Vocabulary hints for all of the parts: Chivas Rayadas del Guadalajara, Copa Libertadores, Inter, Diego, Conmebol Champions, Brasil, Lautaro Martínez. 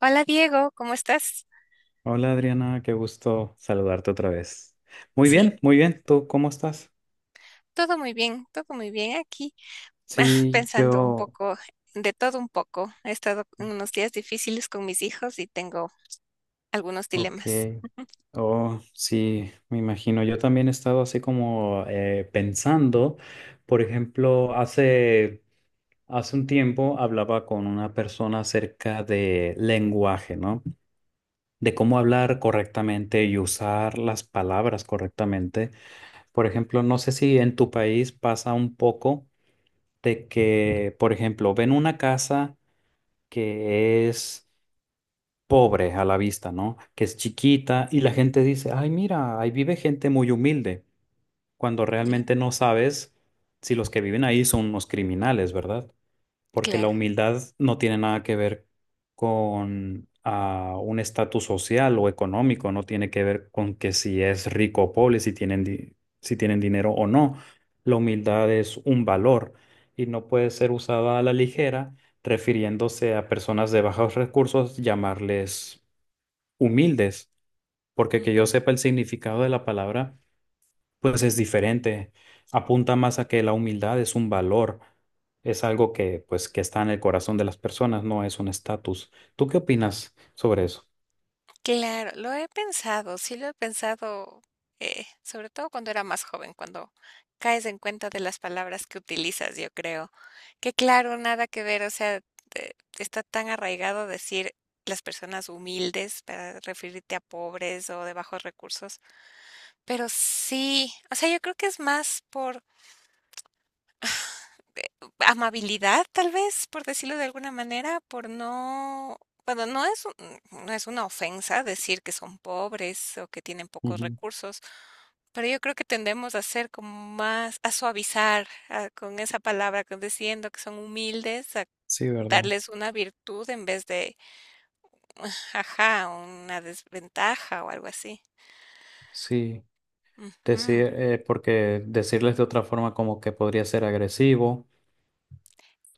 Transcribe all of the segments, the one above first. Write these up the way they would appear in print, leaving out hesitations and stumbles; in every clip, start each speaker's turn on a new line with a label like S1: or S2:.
S1: Hola Diego, ¿cómo estás?
S2: Hola Adriana, qué gusto saludarte otra vez. Muy
S1: Sí,
S2: bien, muy bien. ¿Tú cómo estás?
S1: todo muy bien aquí. Ah,
S2: Sí,
S1: Pensando un
S2: yo,
S1: poco, de todo un poco. He estado en unos días difíciles con mis hijos y tengo algunos
S2: ok.
S1: dilemas.
S2: Oh, sí, me imagino. Yo también he estado así como pensando, por ejemplo, hace un tiempo hablaba con una persona acerca de lenguaje, ¿no? De cómo hablar correctamente y usar las palabras correctamente. Por ejemplo, no sé si en tu país pasa un poco, de que, por ejemplo, ven una casa que es pobre a la vista, ¿no? Que es chiquita y la gente dice, ay, mira, ahí vive gente muy humilde, cuando
S1: Ya.
S2: realmente no sabes si los que viven ahí son unos criminales, ¿verdad? Porque la
S1: Claro.
S2: humildad no tiene nada que ver con un estatus social o económico, no tiene que ver con que si es rico o pobre, si tienen, si tienen dinero o no. La humildad es un valor y no puede ser usada a la ligera, refiriéndose a personas de bajos recursos, llamarles humildes, porque que yo sepa el significado de la palabra pues es diferente. Apunta más a que la humildad es un valor, es algo que pues que está en el corazón de las personas, no es un estatus. ¿Tú qué opinas sobre eso?
S1: Claro, lo he pensado, sí lo he pensado, sobre todo cuando era más joven, cuando caes en cuenta de las palabras que utilizas, yo creo. Que claro, nada que ver, o sea, está tan arraigado decir las personas humildes para referirte a pobres o de bajos recursos, pero sí, o sea, yo creo que es más por amabilidad, tal vez, por decirlo de alguna manera, por no bueno, no es un no es una ofensa decir que son pobres o que tienen pocos
S2: Ujú.
S1: recursos, pero yo creo que tendemos a ser como más a suavizar, con esa palabra, con diciendo que son humildes, a
S2: Sí, ¿verdad?
S1: darles una virtud en vez de, ajá, una desventaja o algo así.
S2: Sí,
S1: Ujú.
S2: decir, porque decirles de otra forma como que podría ser agresivo,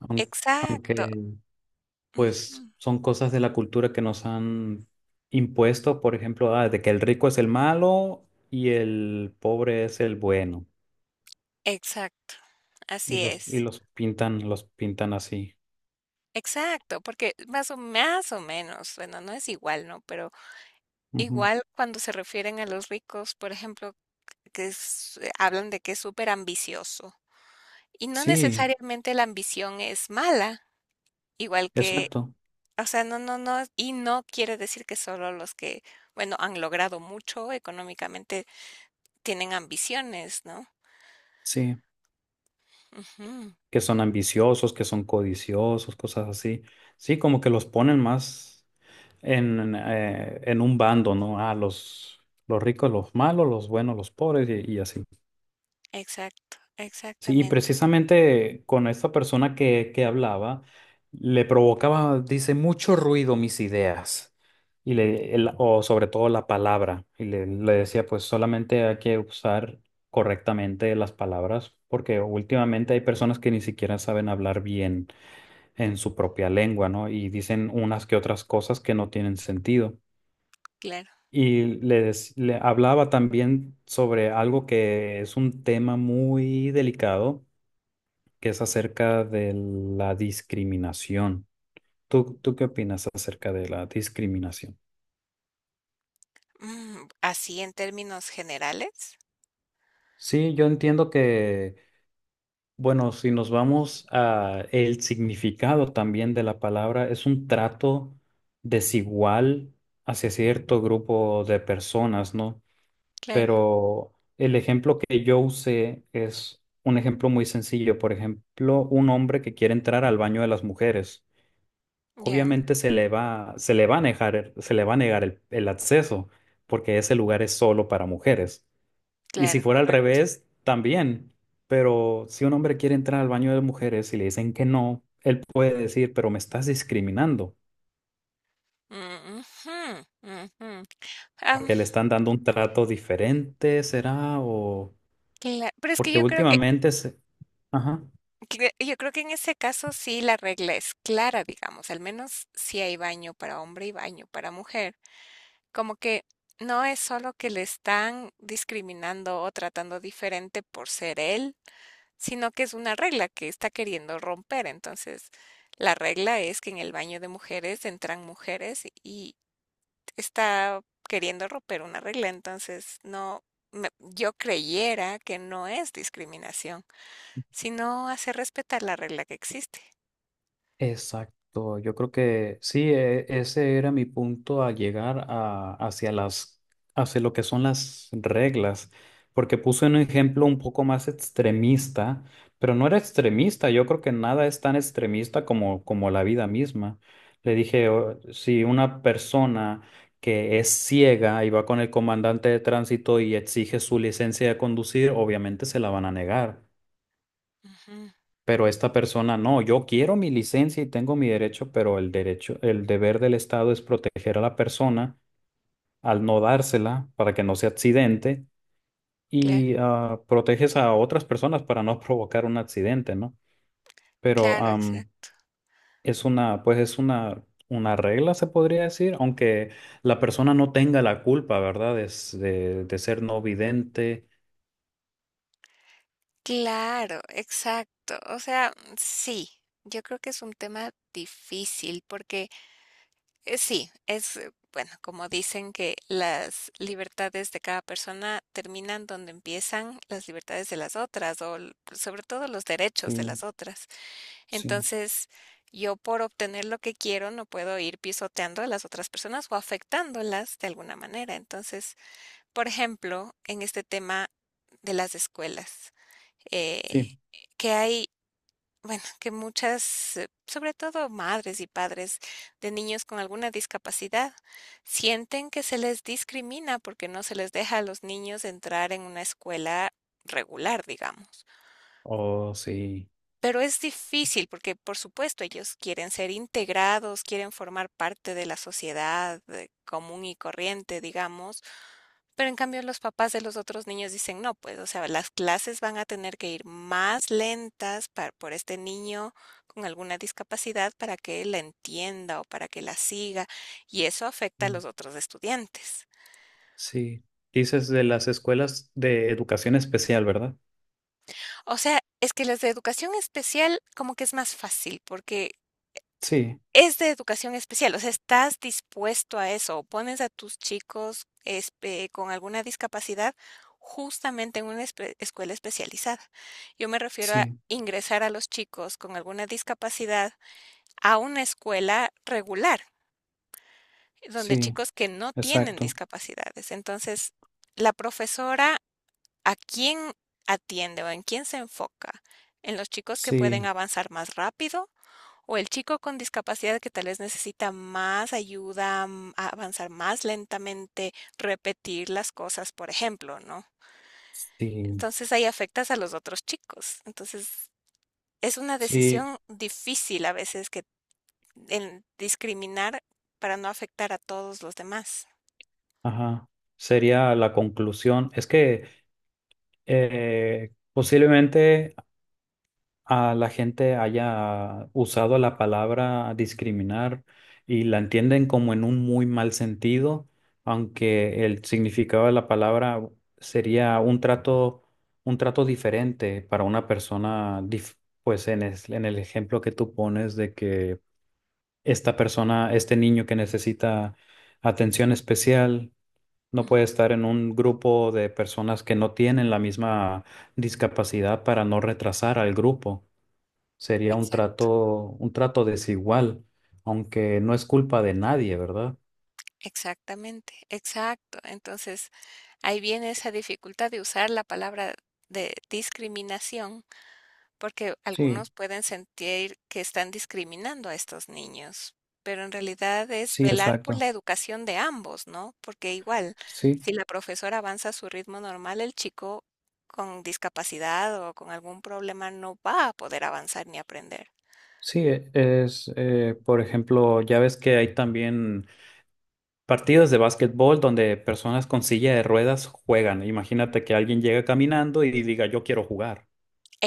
S2: aun-
S1: Exacto,
S2: aunque
S1: ujú.
S2: pues son cosas de la cultura que nos han impuesto, por ejemplo, de que el rico es el malo y el pobre es el bueno,
S1: Exacto, así
S2: y
S1: es.
S2: los pintan así.
S1: Exacto, porque más o menos, bueno, no es igual, ¿no? Pero
S2: Ujú.
S1: igual cuando se refieren a los ricos, por ejemplo, hablan de que es súper ambicioso. Y no
S2: Sí,
S1: necesariamente la ambición es mala, igual que,
S2: exacto.
S1: o sea, no, y no quiere decir que solo los que, bueno, han logrado mucho económicamente tienen ambiciones, ¿no?
S2: Sí,
S1: Ujú,
S2: que son ambiciosos, que son codiciosos, cosas así. Sí, como que los ponen más en un bando, ¿no? Los ricos, los malos, los buenos, los pobres y así.
S1: exacto,
S2: Sí, y
S1: exactamente,
S2: precisamente con esta persona que hablaba, le provocaba, dice, mucho ruido mis ideas, o sobre todo la palabra, le decía, pues solamente hay que usar correctamente las palabras, porque últimamente hay personas que ni siquiera saben hablar bien en su propia lengua, ¿no? Y dicen unas que otras cosas que no tienen sentido.
S1: claro.
S2: Y le hablaba también sobre algo que es un tema muy delicado que es acerca de la discriminación. Tú qué opinas acerca de la discriminación?
S1: Mm, así en términos generales,
S2: Sí, yo entiendo que, bueno, si nos vamos a el significado también de la palabra, es un trato desigual hacia cierto grupo de personas, ¿no?
S1: claro,
S2: Pero el ejemplo que yo usé es un ejemplo muy sencillo. Por ejemplo, un hombre que quiere entrar al baño de las mujeres.
S1: ya.
S2: Obviamente se le va a negar, se le va a negar el acceso, porque ese lugar es solo para mujeres. Y si
S1: Claro,
S2: fuera al
S1: correcto.
S2: revés, también. Pero si un hombre quiere entrar al baño de mujeres y le dicen que no, él puede decir, pero me estás discriminando,
S1: Mm, ujú, ujú. Am,
S2: porque le están dando un trato diferente, ¿será? O
S1: pero es que
S2: porque
S1: yo creo que,
S2: últimamente se... Ajá.
S1: yo creo que en ese caso sí la regla es clara, digamos, al menos si hay baño para hombre y baño para mujer, como que no es solo que le están discriminando o tratando diferente por ser él, sino que es una regla que está queriendo romper. Entonces, la regla es que en el baño de mujeres entran mujeres, está queriendo romper una regla, entonces no, yo creyera que no es discriminación, sino hacer respetar la regla que existe.
S2: Exacto, yo creo que sí, ese era mi punto a llegar a, hacia lo que son las reglas, porque puse un ejemplo un poco más extremista, pero no era extremista, yo creo que nada es tan extremista como, como la vida misma. Le dije, "O- si una persona que es ciega y va con el comandante de tránsito y exige su licencia de conducir, obviamente se la van a negar
S1: Ujú,
S2: pero esta
S1: ujú.
S2: persona no, yo quiero mi licencia y tengo mi derecho, pero el derecho, el deber del Estado es proteger a la persona al no dársela para que no se accidente
S1: Claro,
S2: y proteges a otras personas para no provocar un accidente, ¿no? Pero
S1: claro, exacto.
S2: es una, pues es una regla, se podría decir, aunque la persona no tenga la culpa, ¿verdad? Es de ser no vidente.
S1: Claro, exacto. O sea, mm, sí, yo creo que es un tema difícil porque bueno, como dicen que las libertades de cada persona terminan donde empiezan las libertades de las otras o sobre todo los derechos de
S2: Sí,
S1: las otras.
S2: sí,
S1: Entonces, yo por obtener lo que quiero no puedo ir pisoteando a las otras personas o afectándolas de alguna manera. Entonces, por ejemplo, en este tema de las escuelas, eh,
S2: sí.
S1: que hay, bueno, que muchas, sobre todo madres y padres de niños con alguna discapacidad, sienten que se les discrimina porque no se les deja a los niños entrar en una escuela regular, digamos.
S2: Oh, sí.
S1: Pero es difícil porque, por supuesto, ellos quieren ser integrados, quieren formar parte de la sociedad común y corriente, digamos, pero en cambio los papás de los otros niños dicen, no, pues, o sea, las clases van a tener que ir más lentas para, por este niño con alguna discapacidad para que la entienda o para que la siga, y eso afecta a los otros estudiantes.
S2: Sí, dices de las escuelas de educación especial, ¿verdad?
S1: O sea, es que las de educación especial como que es más fácil porque
S2: Sí,
S1: es de educación especial, o sea, ¿estás dispuesto a eso? ¿O pones a tus chicos con alguna discapacidad justamente en una escuela especializada? Yo me refiero a
S2: sí,
S1: ingresar a los chicos con alguna discapacidad a una escuela regular, donde
S2: sí,
S1: chicos que no tienen
S2: exacto.
S1: discapacidades. Entonces, la profesora, ¿a quién atiende o en quién se enfoca? ¿En los chicos que pueden
S2: Sí,
S1: avanzar más rápido? O el chico con discapacidad que tal vez necesita más ayuda, a avanzar más lentamente, repetir las cosas, por ejemplo, ¿no?
S2: sí,
S1: Entonces ahí afectas a los otros chicos. Entonces es una
S2: sí,
S1: decisión difícil a veces que en discriminar para no afectar a todos los demás.
S2: ajá. Sería la conclusión. Es que posiblemente a la gente haya usado la palabra discriminar y la entienden como en un muy mal sentido, aunque el significado de la palabra sería un trato diferente para una persona, pues en, en el ejemplo que tú pones de que esta persona, este niño que necesita atención especial, no
S1: Ujú.
S2: puede estar en un grupo de personas que no tienen la misma discapacidad para no retrasar al grupo. Sería
S1: Exacto.
S2: un trato desigual, aunque no es culpa de nadie, ¿verdad?
S1: Exactamente, exacto. Entonces ahí viene esa dificultad de usar la palabra de discriminación porque
S2: Sí,
S1: algunos pueden sentir que están discriminando a estos niños, pero en realidad es
S2: sí,
S1: velar por
S2: exacto.
S1: la educación de ambos, ¿no? Porque igual,
S2: Sí,
S1: si la profesora avanza a su ritmo normal, el chico con discapacidad o con algún problema no va a poder avanzar ni aprender.
S2: es, por ejemplo, ya ves que hay también partidas de básquetbol donde personas con silla de ruedas juegan. Imagínate que alguien llega caminando y diga, yo quiero jugar.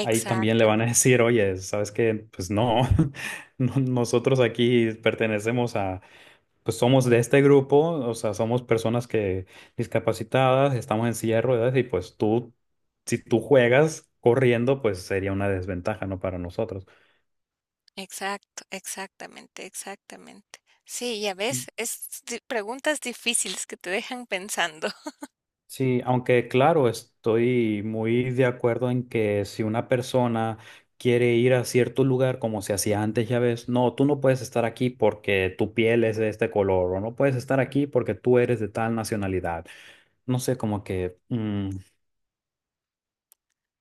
S2: Ahí también le van a decir, oye, ¿sabes qué? Pues no, nosotros aquí pertenecemos a pues somos de este grupo, o sea, somos personas que discapacitadas, estamos en silla de ruedas y pues tú, si tú juegas corriendo, pues sería una desventaja, ¿no? Para nosotros.
S1: Exacto, exactamente, exactamente. Sí, ya ves, es preguntas difíciles que te dejan pensando.
S2: Sí, aunque claro, estoy muy de acuerdo en que si una persona quiere ir a cierto lugar como se hacía antes, ya ves, no, tú no puedes estar aquí porque tu piel es de este color, o no puedes estar aquí porque tú eres de tal nacionalidad. No sé, como que mm,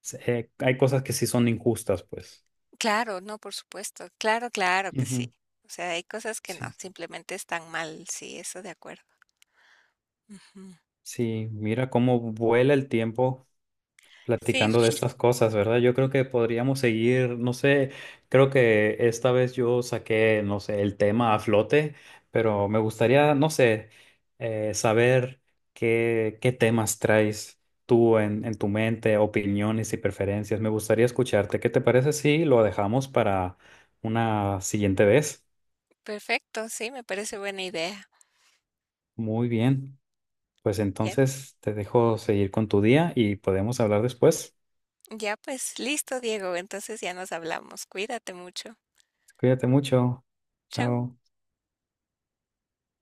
S2: se- eh, hay cosas que sí son injustas, pues.
S1: Claro, no, por supuesto. Claro, claro que
S2: Ujú.
S1: sí. O sea, hay cosas que no,
S2: Sí,
S1: simplemente están mal. Sí, eso de acuerdo. Ujú.
S2: sí, mira cómo vuela el tiempo
S1: Sí,
S2: platicando de estas cosas, ¿verdad? Yo creo que podríamos seguir, no sé, creo que esta vez yo saqué, no sé, el tema a flote, pero me gustaría, no sé, saber qué temas traes tú en tu mente, opiniones y preferencias. Me gustaría escucharte. ¿Qué te parece si lo dejamos para una siguiente vez?
S1: perfecto. Sí, me parece buena idea.
S2: Muy bien. Pues
S1: Ya,
S2: entonces te dejo seguir con tu día y podemos hablar después.
S1: ya pues, listo, Diego. Entonces ya nos hablamos. Cuídate mucho.
S2: Cuídate mucho.
S1: Chau.
S2: Chao.